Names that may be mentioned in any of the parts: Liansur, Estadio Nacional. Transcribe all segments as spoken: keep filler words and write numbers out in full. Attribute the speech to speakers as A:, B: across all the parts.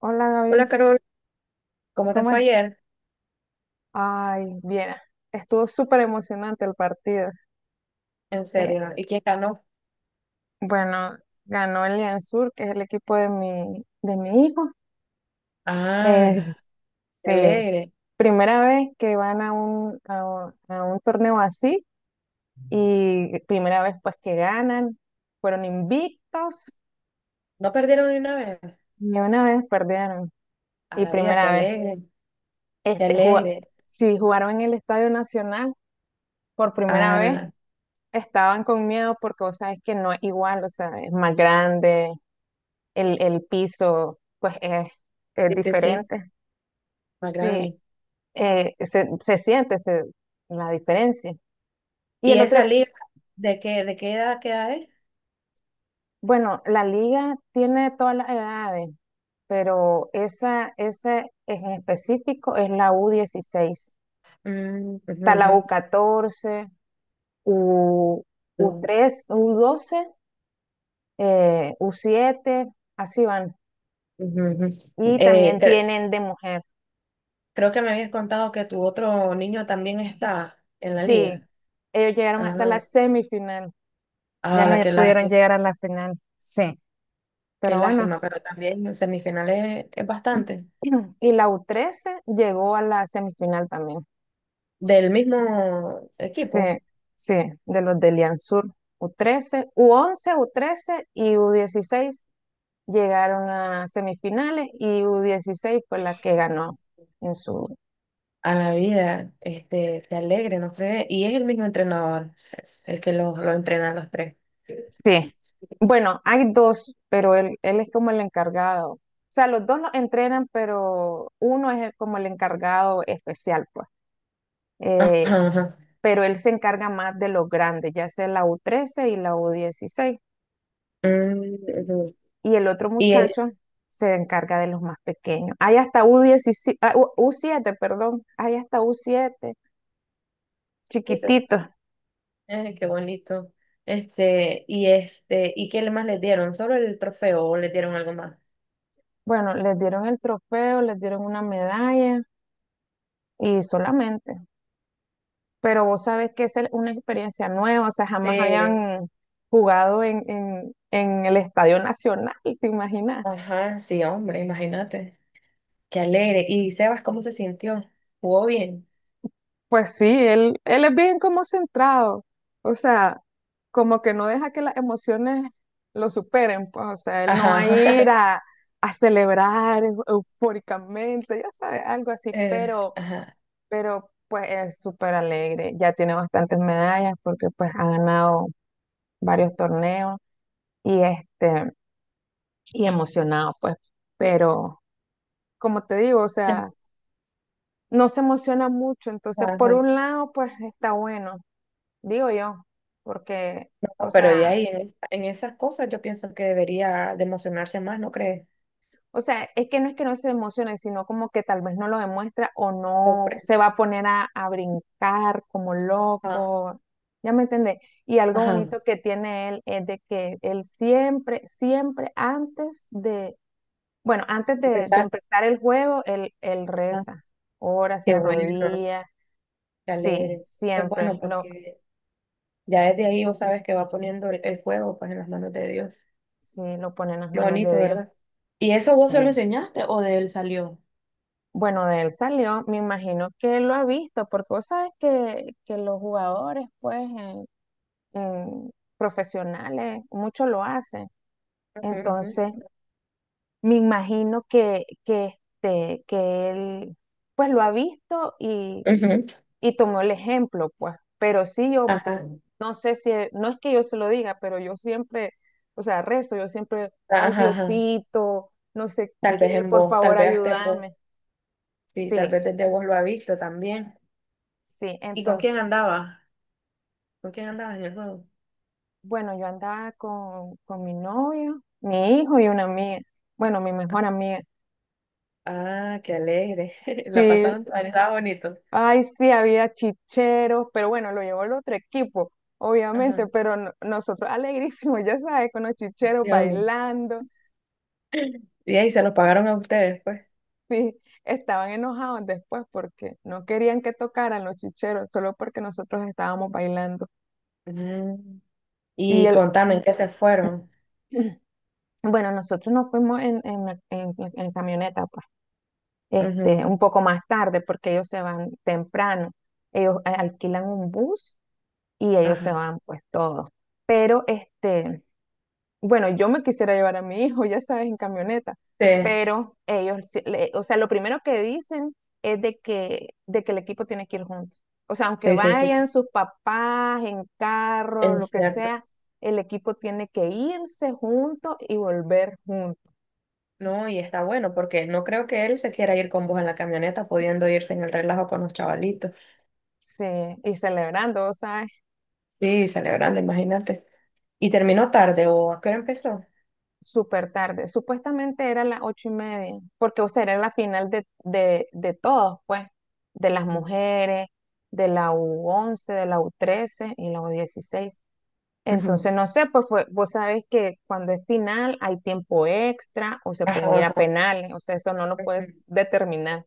A: Hola
B: Hola
A: Gaby,
B: Carol, ¿cómo te
A: ¿cómo
B: fue
A: es?
B: ayer?
A: Ay, bien, estuvo súper emocionante el partido.
B: En
A: Eh,
B: serio, ¿y quién ganó?
A: bueno, ganó el Liansur, que es el equipo de mi, de mi hijo. Este,
B: Ah, qué alegre.
A: primera vez que van a un, a un, a un torneo así, y primera vez pues que ganan, fueron invictos
B: ¿No perdieron ni una vez?
A: y una vez perdieron
B: A
A: y
B: la vida, qué
A: primera vez.
B: alegre, qué
A: Este, juga-
B: alegre.
A: sí, jugaron en el Estadio Nacional por primera vez.
B: Ah,
A: Estaban con miedo porque vos sabes que no es igual, o sea, es más grande, el, el piso pues es, es
B: sí, sí, sí,
A: diferente.
B: más
A: Sí,
B: grande.
A: eh, se, se siente se- la diferencia. Y
B: ¿Y
A: el otro,
B: esa liga, de qué, de qué edad queda es?
A: bueno, la liga tiene todas las edades, pero esa, esa en específico es la u dieciséis.
B: Mm,
A: Está la
B: ujú,
A: u catorce, U, catorce u u
B: ujú,
A: tres u doce, eh, u siete, así van.
B: ujú, ujú.
A: Y
B: Eh,
A: también
B: cre-
A: tienen de mujer.
B: creo que me habías contado que tu otro niño también está en la
A: Sí,
B: liga.
A: ellos llegaron hasta la
B: Ah,
A: semifinal, ya
B: ah,
A: no
B: la- qué
A: pudieron
B: lástima,
A: llegar a la final, sí,
B: qué
A: pero bueno.
B: lástima, pero también en semifinales es bastante.
A: Y la u trece llegó a la semifinal también,
B: Del mismo
A: sí,
B: equipo.
A: sí, de los de Liansur. U trece, u once, u trece y u dieciséis llegaron a semifinales, y u dieciséis fue la que ganó en su...
B: A la vida, este, que alegre, no sé, y es el mismo entrenador, el que los lo entrena a los tres.
A: Sí. Bueno, hay dos, pero él, él es como el encargado. O sea, los dos los entrenan, pero uno es el- como el encargado especial, pues.
B: Ajá,
A: Eh,
B: ajá.
A: pero él se encarga más de los grandes, ya sea la u trece y la u dieciséis.
B: Mm, ujú.
A: Y el otro
B: Y Eh,
A: muchacho se encarga de los más pequeños. Hay hasta u diecisiete, ah, U- U7, perdón. Hay hasta u siete,
B: este,
A: chiquititos.
B: eh, qué bonito. Este, y este, ¿y qué más les dieron? ¿Solo el trofeo o les dieron algo más?
A: Bueno, les dieron el trofeo, les dieron una medalla y solamente. Pero vos sabés que es el- una experiencia nueva, o sea, jamás
B: Sí.
A: habían jugado en, en, en el Estadio Nacional, ¿te imaginas?
B: Ajá, sí, hombre, imagínate. Qué alegre. ¿Y Sebas cómo se sintió? ¿Jugó bien?
A: Pues sí, él, él es bien como centrado, o sea, como que no deja que las emociones lo superen, pues, o sea, él no
B: Ajá.
A: va a ir a, a celebrar eu- eufóricamente, ya sabes, algo así,
B: Eh,
A: pero,
B: ajá.
A: pero pues es súper alegre, ya tiene bastantes medallas porque pues ha ganado varios torneos, y este... y emocionado, pues, pero como te digo, o sea, no se emociona mucho, entonces por
B: Ajá.
A: un lado, pues está bueno, digo yo, porque, o
B: No, pero de
A: sea,
B: ahí, en, es- en esas cosas yo pienso que debería de emocionarse más, ¿no crees?
A: o sea, es que no es que no se emocione, sino como que tal vez no lo demuestra o no
B: Sorpresa.
A: se va a poner a, a brincar como
B: Ah,
A: loco, ¿ya me entendés? Y algo
B: ajá,
A: bonito que tiene él es de que él siempre, siempre antes de, bueno, antes de, de
B: empezaste.
A: empezar el juego, él, él
B: Ah,
A: reza, ora, se
B: qué bueno,
A: arrodilla.
B: qué alegre.
A: Sí,
B: Eso es bueno
A: siempre lo,
B: porque ya desde ahí vos sabes que va poniendo el, el fuego pues en las manos de Dios.
A: sí, lo pone en las
B: Qué
A: manos
B: bonito,
A: de Dios.
B: ¿verdad? ¿Y eso vos se lo
A: Sí.
B: enseñaste o de él salió?
A: Bueno, de él salió, me imagino que lo ha visto, porque vos sabes que, que los jugadores, pues, en- en profesionales, muchos lo hacen.
B: Ujú,
A: Entonces,
B: ujú.
A: me imagino que, que, este, que él, pues, lo ha visto y,
B: Ujú.
A: y tomó el ejemplo, pues, pero sí yo, pues,
B: Ajá,
A: no sé si, no es que yo se lo diga, pero yo siempre, o sea, rezo, yo siempre, ay
B: ajá, ajá.
A: Diosito, no sé
B: Tal
A: qué,
B: vez en
A: por
B: vos, tal
A: favor
B: vez hasta en vos.
A: ayúdame.
B: Sí, tal vez
A: Sí,
B: desde vos lo ha visto también.
A: sí,
B: ¿Y con quién
A: entonces,
B: andaba? ¿Con quién andabas en el juego?
A: bueno, yo andaba con, con mi novio, mi hijo y una amiga, bueno, mi mejor amiga.
B: Ah, qué alegre. La
A: Sí,
B: pasaron, ah, estaba bonito.
A: ay, sí, había chicheros, pero bueno, lo llevó el otro equipo.
B: Ajá.
A: Obviamente, pero no- nosotros alegrísimos, ya sabes, con los chicheros
B: Dios mío.
A: bailando.
B: Y ahí se los pagaron a ustedes, pues.
A: Sí, estaban enojados después porque no querían que tocaran los chicheros solo porque nosotros estábamos bailando.
B: Mm,
A: Y
B: Y
A: el,
B: contame, ¿en qué se fueron?
A: bueno, nosotros nos fuimos en, en, la- en- en camioneta, pues, este,
B: Ujú,
A: un poco más tarde porque ellos se van temprano. Ellos eh, alquilan un bus y ellos se
B: Ajá.
A: van, pues, todos. Pero, este, bueno, yo me quisiera llevar a mi hijo, ya sabes, en camioneta,
B: Sí,
A: pero ellos, sí- le- o sea, lo primero que dicen es de que, de que el equipo tiene que ir juntos. O sea, aunque
B: sí, sí, sí. Sí.
A: vayan sus papás en carro, lo
B: Es
A: que
B: cierto.
A: sea, el equipo tiene que irse junto y volver juntos,
B: No, y está bueno porque no creo que él se quiera ir con vos en la camioneta, pudiendo irse en el relajo con los chavalitos.
A: sí, y celebrando, ¿sabes?
B: Sí, celebrando, imagínate. ¿Y terminó tarde o a qué hora empezó?
A: Súper tarde. Supuestamente era las ocho y media, porque, o sea, era la final de, de, de todos, pues, de las
B: Ujú,
A: mujeres, de la u once, de la u trece y la u dieciséis. Entonces,
B: ujú,
A: no sé, pues fue- vos sabés que cuando es final hay tiempo extra o se
B: ajá,
A: pueden ir a
B: ajá,
A: penales, o sea, eso no lo puedes
B: ujú,
A: determinar.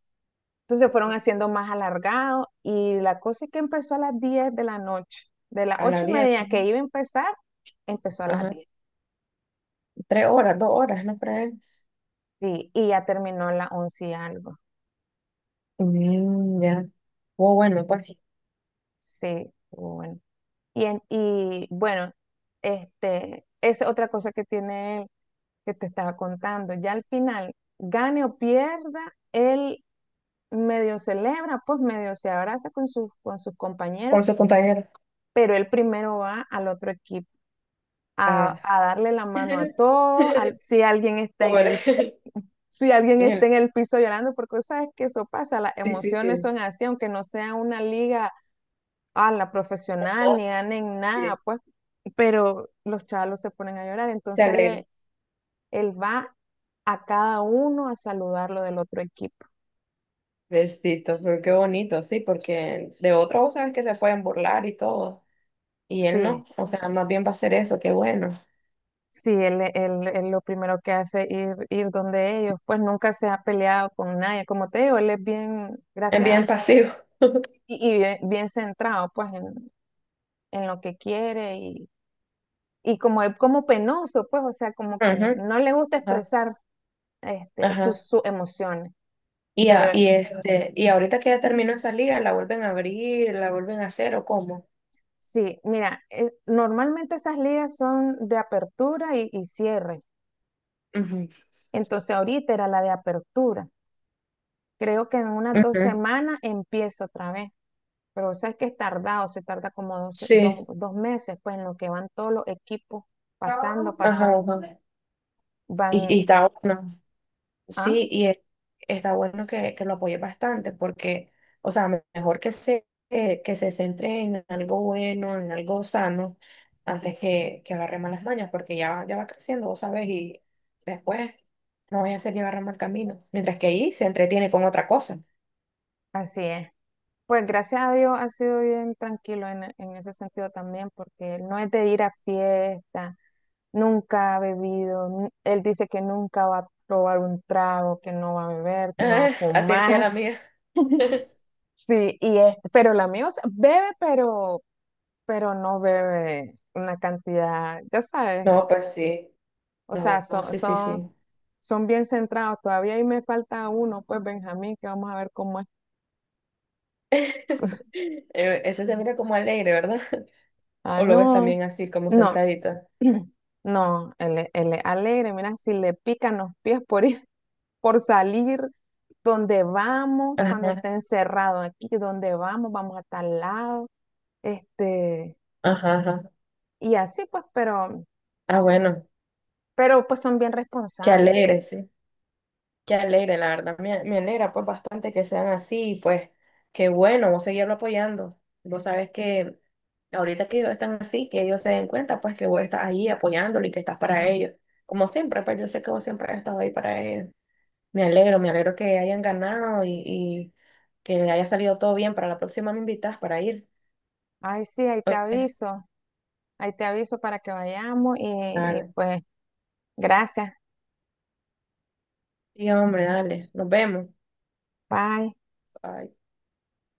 A: Entonces fueron haciendo más alargado y la cosa es que empezó a las diez de la noche. De las
B: a la
A: ocho y
B: diez,
A: media que
B: ujú.
A: iba a empezar, empezó a las
B: Ajá,
A: diez.
B: tres horas, dos horas, ¿no crees?
A: Sí, y ya terminó a las once y algo.
B: Mm, ya. Oh, bueno, pues,
A: Sí, pero bueno. Y, en- y bueno, este, es otra cosa que tiene él que te estaba contando. Ya al final, gane o pierda, él medio celebra, pues medio se abraza con sus, con sus compañeros,
B: con sus compañeros.
A: pero él primero va al otro equipo a,
B: Ah,
A: a darle la mano a todos, al- si alguien está en
B: pobre.
A: el, si alguien
B: Ñe.
A: está en el piso llorando, porque sabes que eso pasa, las
B: Sí, sí,
A: emociones
B: sí.
A: son así, aunque no sea una liga a la profesional,
B: Ah,
A: ni ganen nada,
B: sí,
A: pues, pero los chalos se ponen a llorar.
B: se
A: Entonces ahí
B: alegra.
A: e- él va a cada uno a saludarlo del otro equipo.
B: Besito, pero qué bonito, sí, porque de otros vos sabes que se pueden burlar y todo. Y él no.
A: Sí,
B: O sea, más bien va a hacer eso, qué bueno.
A: sí, él, él- él lo primero que hace es ir, ir donde ellos, pues nunca se ha peleado con nadie. Como te digo, él es bien,
B: Es
A: gracias, a-
B: bien pasivo.
A: y, y bien, bien centrado, pues, en, en lo que quiere y, y como es como penoso, pues, o sea, como que
B: Ujú.
A: no le gusta
B: Ajá.
A: expresar este,
B: Ajá.
A: sus, sus emociones.
B: Y,
A: Pero
B: a- y este, y ahorita que ya terminó esa liga, ¿la vuelven a abrir? ¿La vuelven a hacer o cómo?
A: sí, mira, eh, normalmente esas ligas son de apertura y, y cierre.
B: Ujú.
A: Entonces ahorita era la de apertura. Creo que en unas dos
B: Ujú.
A: semanas empiezo otra vez. Pero sabes que es tardado, se tarda como dos,
B: Sí.
A: dos- dos meses, pues en lo que van todos los equipos pasando,
B: Ajá,
A: pasando.
B: ajá. Y,
A: Van,
B: y está bueno.
A: ah,
B: Sí, y e- está bueno que, que lo apoye bastante porque, o sea, me- mejor que se, eh, que se centre en algo bueno, en algo sano, antes que, que agarre malas mañas, porque ya, va- ya va creciendo, vos sabes, y después no voy a hacer llevar a mal camino, mientras que ahí se entretiene con otra cosa.
A: así es. Pues gracias a Dios ha sido bien tranquilo en, en ese sentido también, porque no es de ir a fiesta, nunca ha bebido, nu- él dice que nunca va a probar un trago, que no va a beber, que no va a
B: Ah, así decía
A: fumar,
B: la mía.
A: sí, y es, pero la mía, o sea, bebe, pero, pero no bebe una cantidad, ya sabes,
B: No, pues sí,
A: o sea,
B: no, no,
A: son,
B: sí, sí, sí.
A: son, son bien centrados, todavía ahí me falta uno, pues Benjamín, que vamos a ver cómo es.
B: Eh, Ese se mira como alegre, ¿verdad?
A: Ah,
B: ¿O lo ves
A: no.
B: también así, como
A: No,
B: centradito?
A: no, él, es- él es alegre, mira, si le pican los pies por ir, por salir, donde vamos, cuando
B: Ajá,
A: esté encerrado aquí, donde vamos, vamos a tal lado, este,
B: ajá, ajá.
A: y así pues, pero,
B: Ah, bueno,
A: pero pues son bien
B: qué
A: responsables.
B: alegre, sí, qué alegre, la verdad, me, me alegra pues bastante que sean así, y, pues qué bueno, vos seguirlo apoyando. Vos sabes que ahorita que ellos están así, que ellos se den cuenta pues que vos estás ahí apoyándolo y que estás para ellos. Como siempre, pues yo sé que vos siempre has estado ahí para ellos. Me alegro, me alegro que hayan ganado y, y que haya salido todo bien. Para la próxima me invitas para ir.
A: Ay, sí, ahí te
B: Ok,
A: aviso, ahí te aviso para que vayamos y, y
B: dale.
A: pues, gracias,
B: Sí, hombre, dale, nos vemos.
A: bye.
B: Bye.